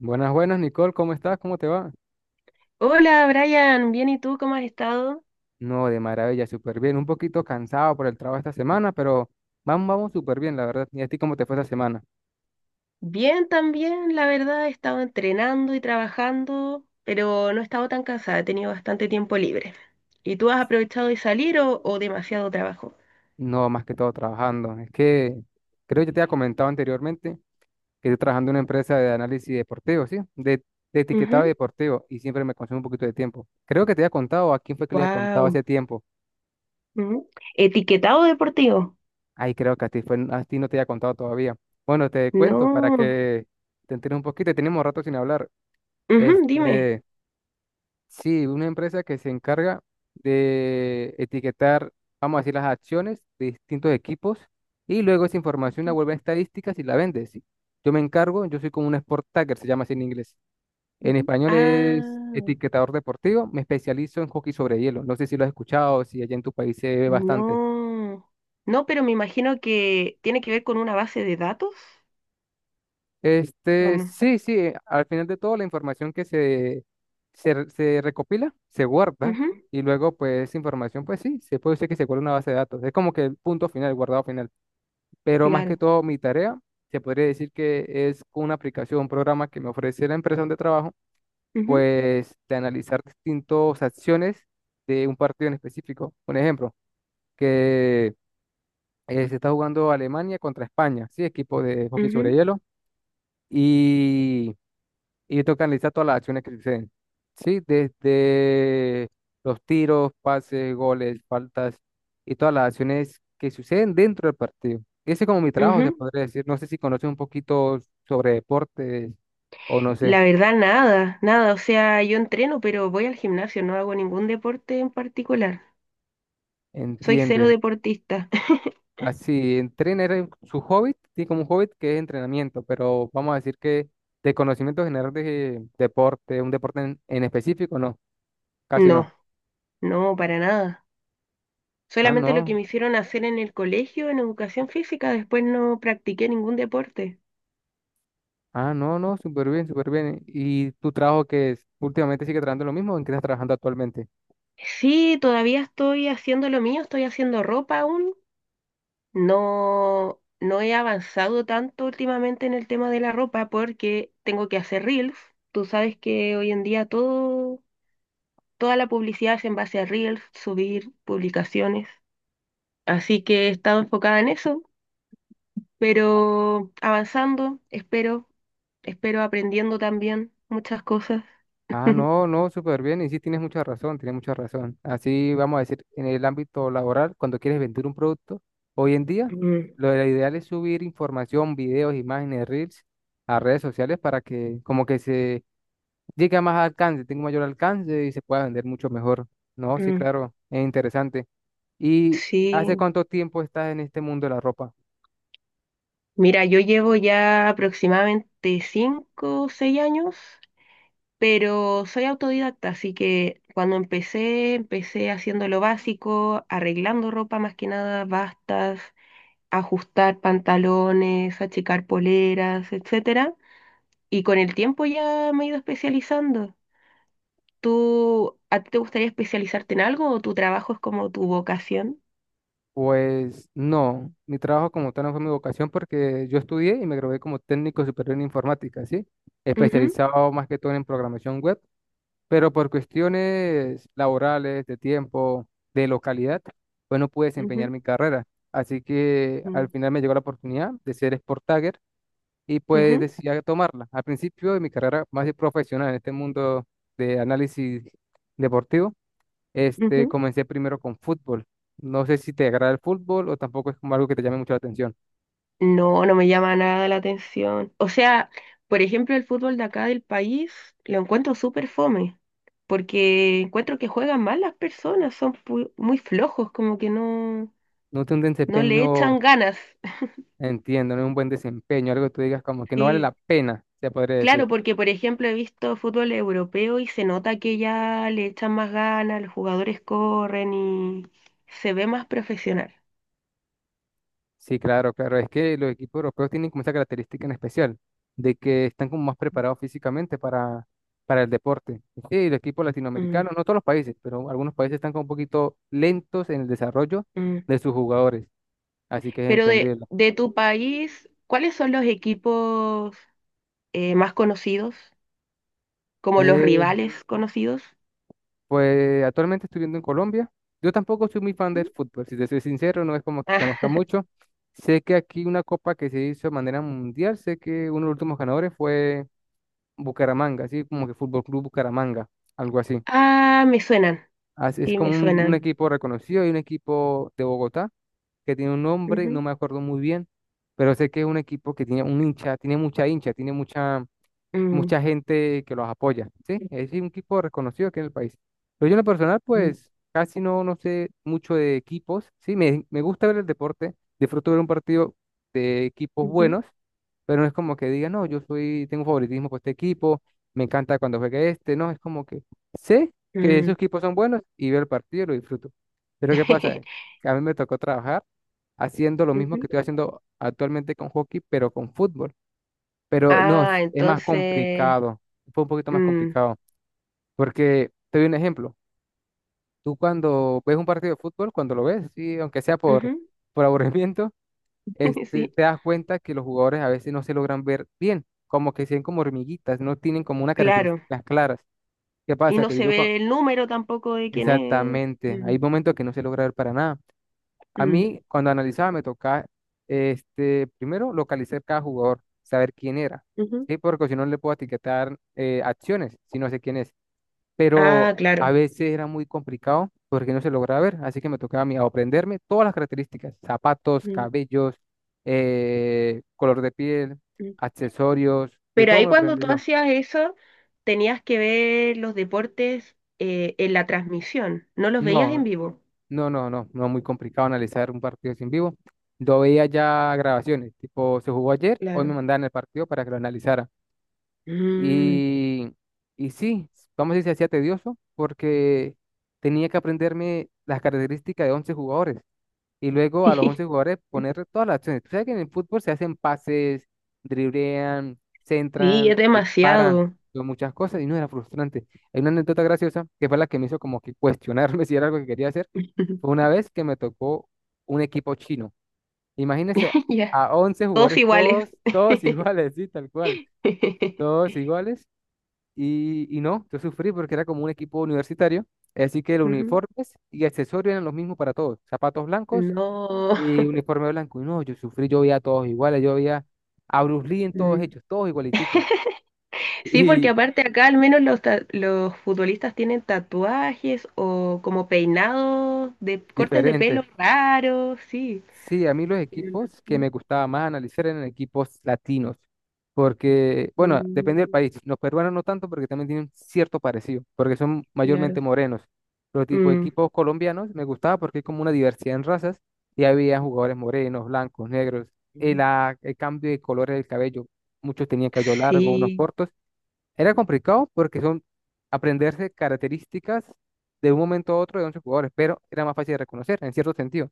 Buenas, buenas, Nicole, ¿cómo estás? ¿Cómo te va? Hola Brian, bien, ¿y tú cómo has estado? No, de maravilla, súper bien. Un poquito cansado por el trabajo esta semana, pero vamos, vamos súper bien, la verdad. ¿Y a ti cómo te fue esta semana? Bien también, la verdad, he estado entrenando y trabajando, pero no he estado tan cansada, he tenido bastante tiempo libre. ¿Y tú has aprovechado de salir o demasiado trabajo? No, más que todo trabajando. Es que creo que ya te había comentado anteriormente que estoy trabajando en una empresa de análisis deportivo, ¿sí? De etiquetado deportivo y siempre me consume un poquito de tiempo. Creo que te había contado, ¿a quién fue que le había contado hace Wow. tiempo? ¿Etiquetado deportivo? Ay, creo que a ti, fue, a ti no te había contado todavía. Bueno, te cuento para No. que te enteres un poquito. Tenemos rato sin hablar. Ujú, dime. Este. Sí, una empresa que se encarga de etiquetar, vamos a decir, las acciones de distintos equipos y luego esa información la vuelve a estadísticas y la vende. Sí. Yo me encargo, yo soy como un sport tagger, se llama así en inglés. En Ujú. español es Ah, etiquetador deportivo, me especializo en hockey sobre hielo. No sé si lo has escuchado, si allá en tu país se ve bastante. no. No, pero me imagino que tiene que ver con una base de datos, ¿o no? Sí, sí, al final de todo la información que se recopila, se guarda Ujú, y luego pues esa información pues sí, se puede decir que se guarda en una base de datos. Es como que el punto final, el guardado final. Pero más que claro. todo mi tarea, se podría decir que es con una aplicación, un programa que me ofrece la empresa donde trabajo, Ujú, pues de analizar distintas acciones de un partido en específico. Un ejemplo, que se está jugando Alemania contra España, sí, equipo de hockey sobre ujú, hielo. Y y toca analizar todas las acciones que suceden. Sí, desde los tiros, pases, goles, faltas y todas las acciones que suceden dentro del partido. Ese es como mi trabajo, se ujú. podría decir. No sé si conoces un poquito sobre deportes o no sé, La verdad, nada, nada. O sea, yo entreno, pero voy al gimnasio, no hago ningún deporte en particular. Soy cero entienden. deportista. Así, entrenar es su hobby, tiene como un hobby que es entrenamiento, pero vamos a decir que de conocimiento general de deporte, un deporte en específico, no, casi no. No, no, para nada. Ah, Solamente lo que no, me hicieron hacer en el colegio, en educación física, después no practiqué ningún deporte. Ah, no, no, súper bien, súper bien. ¿Y tu trabajo que es? ¿Últimamente sigue trabajando lo mismo o en qué estás trabajando actualmente? Sí, todavía estoy haciendo lo mío, estoy haciendo ropa aún. No, no he avanzado tanto últimamente en el tema de la ropa porque tengo que hacer reels. Tú sabes que hoy en día todo toda la publicidad es en base a Reels, subir publicaciones. Así que he estado enfocada en eso, pero avanzando, espero, aprendiendo también muchas cosas. Ah, no, no, súper bien. Y sí, tienes mucha razón, tienes mucha razón. Así vamos a decir, en el ámbito laboral, cuando quieres vender un producto, hoy en día, Mm, lo ideal es subir información, videos, imágenes, reels a redes sociales para que como que se llegue a más alcance, tenga un mayor alcance y se pueda vender mucho mejor. No, sí, mm. claro, es interesante. ¿Y Sí, hace cuánto tiempo estás en este mundo de la ropa? mira, yo llevo ya aproximadamente 5, o 6 años, pero soy autodidacta, así que cuando empecé, empecé haciendo lo básico, arreglando ropa más que nada, bastas, ajustar pantalones, achicar poleras, etcétera. Y con el tiempo ya me he ido especializando. ¿Tú, a ti te gustaría especializarte en algo o tu trabajo es como tu vocación? Pues no, mi trabajo como tal no fue mi vocación porque yo estudié y me gradué como técnico superior en informática, ¿sí? Ujú, Especializado más que todo en programación web, pero por cuestiones laborales, de tiempo, de localidad, pues no pude desempeñar ujú, mi carrera. Así que mm, al final me llegó la oportunidad de ser Sport Tagger y pues ujú, decidí tomarla. Al principio de mi carrera más de profesional en este mundo de análisis deportivo ujú. comencé primero con fútbol. No sé si te agrada el fútbol o tampoco es como algo que te llame mucho la atención. No, no me llama nada la atención. O sea, por ejemplo, el fútbol de acá del país lo encuentro súper fome, porque encuentro que juegan mal las personas, son muy flojos, como que no, No tiene un no le desempeño, echan ganas. entiendo, no es un buen desempeño, algo que tú digas como que no vale la Sí. pena, se podría Claro, decir. porque por ejemplo he visto fútbol europeo y se nota que ya le echan más ganas, los jugadores corren y se ve más profesional. Sí, claro, claro. Es que los equipos europeos tienen como esa característica en especial, de que están como más preparados físicamente para el deporte. Y los equipos Mm, latinoamericanos, no todos los países, pero algunos países están como un poquito lentos en el desarrollo mm. de sus jugadores. Así que es Pero de, entenderlo. de tu país, ¿cuáles son los equipos más conocidos? Como los rivales conocidos. Pues actualmente estoy viviendo en Colombia. Yo tampoco soy muy fan Mm. del fútbol, si te soy sincero, no es como que conozca mucho. Sé que aquí una copa que se hizo de manera mundial, sé que uno de los últimos ganadores fue Bucaramanga, así como que Fútbol Club Bucaramanga, algo así. Ah, ah, me suenan, Así es sí, como me un suenan. equipo reconocido y un equipo de Bogotá que tiene un nombre, no Ujú, me acuerdo muy bien, pero sé que es un equipo que tiene un hincha, tiene mucha hincha, tiene mucha mm, mucha gente que los apoya, ¿sí? Es decir, un equipo reconocido aquí en el país. Pero yo en lo personal, mm, pues casi no, no sé mucho de equipos, ¿sí? Me gusta ver el deporte, disfruto ver un partido de equipos ujú, buenos, pero no es como que diga, no, yo soy, tengo favoritismo por este equipo, me encanta cuando juega este, no, es como que sé que esos mm. equipos son buenos y veo el partido y lo disfruto. Pero ¿qué pasa? Que a mí me tocó trabajar haciendo lo mismo Ujú. que estoy haciendo actualmente con hockey, pero con fútbol. Pero no, Ah, es más entonces... complicado. Fue un poquito más mm, complicado. Porque te doy un ejemplo. Tú cuando ves un partido de fútbol, cuando lo ves, sí, aunque sea ujú. por aburrimiento, Sí. te das cuenta que los jugadores a veces no se logran ver bien, como que se ven como hormiguitas, no tienen como unas Claro, características claras. ¿Qué y pasa? no Que se yo, cua- ve el número tampoco de quién es. exactamente, Mm, hay momentos que no se logra ver para nada. A mm, mí, cuando analizaba, me tocaba, primero localizar cada jugador, saber quién era, ujú. ¿sí? Porque si no no le puedo etiquetar acciones, si no sé quién es. Pero Ah, a claro. veces era muy complicado porque no se lograba ver, así que me tocaba a mí aprenderme todas las características, zapatos, Mm, cabellos, color de piel, mm. accesorios, de Pero todo me ahí lo cuando aprendí tú yo. hacías eso, tenías que ver los deportes en la transmisión, no los veías en No, vivo. no, no, no, no muy complicado analizar un partido así en vivo. Yo veía ya grabaciones, tipo, se jugó ayer, hoy me Claro. mandaban el partido para que lo analizara. Mm, Y, y sí, vamos a decir, se hacía tedioso porque tenía que aprenderme las características de 11 jugadores y luego a los 11 jugadores poner sí, todas las acciones. Tú sabes que en el fútbol se hacen pases, driblean, sí, centran, es disparan, demasiado. son muchas cosas y no era frustrante. Hay una anécdota graciosa que fue la que me hizo como que cuestionarme si era algo que quería hacer fue una vez que me tocó un equipo chino. Imagínense Ya. a once Todos jugadores, iguales. todos, todos iguales, sí, tal cual, todos iguales. Y no, yo sufrí porque era como un equipo universitario. Así que los Ujú. uniformes y accesorios eran los mismos para todos. Zapatos blancos No. y uniforme blanco. Y no, yo sufrí, yo veía a todos iguales, yo veía a Bruce Lee en todos Mm. ellos, todos igualiticos Sí, porque y aparte acá al menos los futbolistas tienen tatuajes o como peinados de cortes de diferentes. pelo raros, sí. Sí, a mí los Pero equipos que los- me gustaba más analizar eran equipos latinos, porque, bueno, depende del Mm, país. Los peruanos no tanto porque también tienen cierto parecido, porque son mayormente claro. morenos. Pero tipo de Mm, equipos colombianos me gustaba porque hay como una diversidad en razas y había jugadores morenos, blancos, negros. El cambio de colores del cabello, muchos tenían cabello largo, unos sí, cortos. Era complicado porque son aprenderse características de un momento a otro de 11 jugadores, pero era más fácil de reconocer en cierto sentido.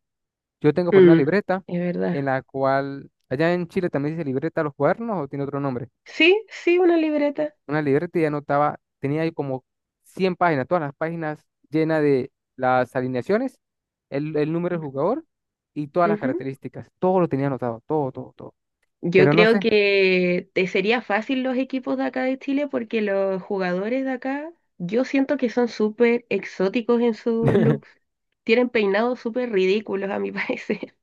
Yo tengo por una mm, libreta es verdad. en la cual, allá en Chile también se dice libreta a los cuadernos o tiene otro nombre. Sí, sí, una libreta. Una libreta y anotaba, tenía ahí como 100 páginas, todas las páginas llenas de las alineaciones, el número del jugador y todas las Ujú. características. Todo lo tenía anotado, todo, todo, todo. Yo Pero no creo sé. que te sería fácil los equipos de acá de Chile porque los jugadores de acá, yo siento que son súper exóticos en sus looks. Tienen peinados súper ridículos a mi parecer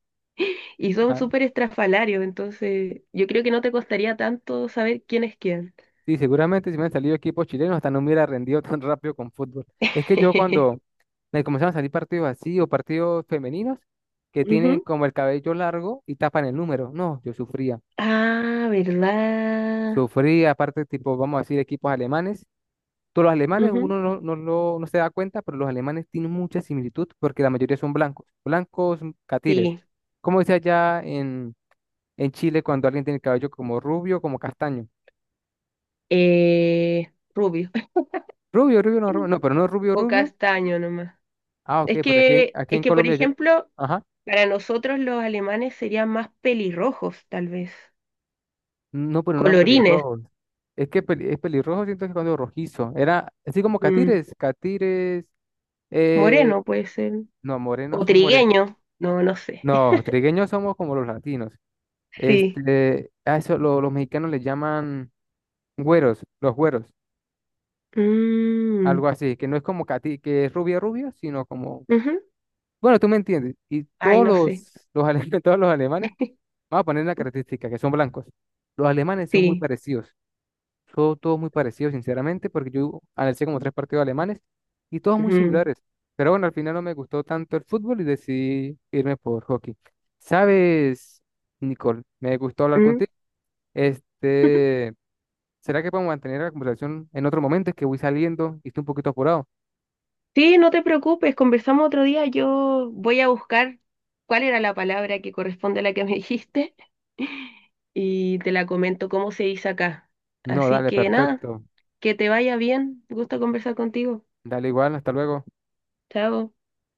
y son Ah, súper estrafalarios, entonces yo creo que no te costaría tanto saber quién es quién. sí, seguramente si me han salido equipos chilenos, hasta no me hubiera rendido tan rápido con fútbol. Es que yo cuando me comenzaron a salir partidos así o partidos femeninos que tienen Ujú. como el cabello largo y tapan el número, no, yo sufría. Ah, ¿verdad? Sufría, aparte, tipo, vamos a decir, equipos alemanes. Todos los alemanes, Ujú. uno no, no, lo- no se da cuenta, pero los alemanes tienen mucha similitud porque la mayoría son blancos, blancos catires. Sí, Como dice allá en Chile cuando alguien tiene el cabello como rubio, como castaño. Rubio Rubio, rubio, no, pero no rubio, o rubio. castaño nomás. Ah, ok, Es porque aquí, que, aquí es en que, por Colombia, ya- ejemplo, ajá, para nosotros los alemanes serían más pelirrojos, tal vez. no, pero no eran Colorines. pelirrojos. Es que peli- es pelirrojo, siento que cuando rojizo. Era así como Mm, catires, catires, eh, moreno puede ser. no, morenos O son morenos. trigueño. No, no sé. No, trigueños somos como los latinos. Sí. A eso lo- los mexicanos le llaman güeros, los güeros, Mm, algo así, que no es como cati, que es rubia rubia, sino como, ujú. bueno, tú me entiendes. Y Ay, todos no sé. Los, ale- todos los alemanes, vamos a poner una característica, que son blancos. Los alemanes son muy Sí. parecidos. Todo, todo muy parecido, sinceramente, porque yo analicé como tres partidos alemanes y todos muy Ujú. similares. Pero bueno, al final no me gustó tanto el fútbol y decidí irme por hockey. ¿Sabes, Nicole? Me gustó hablar Mm. contigo. Este, ¿Será que podemos mantener la conversación en otro momento? Es que voy saliendo y estoy un poquito apurado. Sí, no te preocupes, conversamos otro día. Yo voy a buscar cuál era la palabra que corresponde a la que me dijiste y te la comento cómo se dice acá. No, Así dale, que nada, perfecto. que te vaya bien. Gusto conversar contigo. Dale igual, hasta luego. Chao.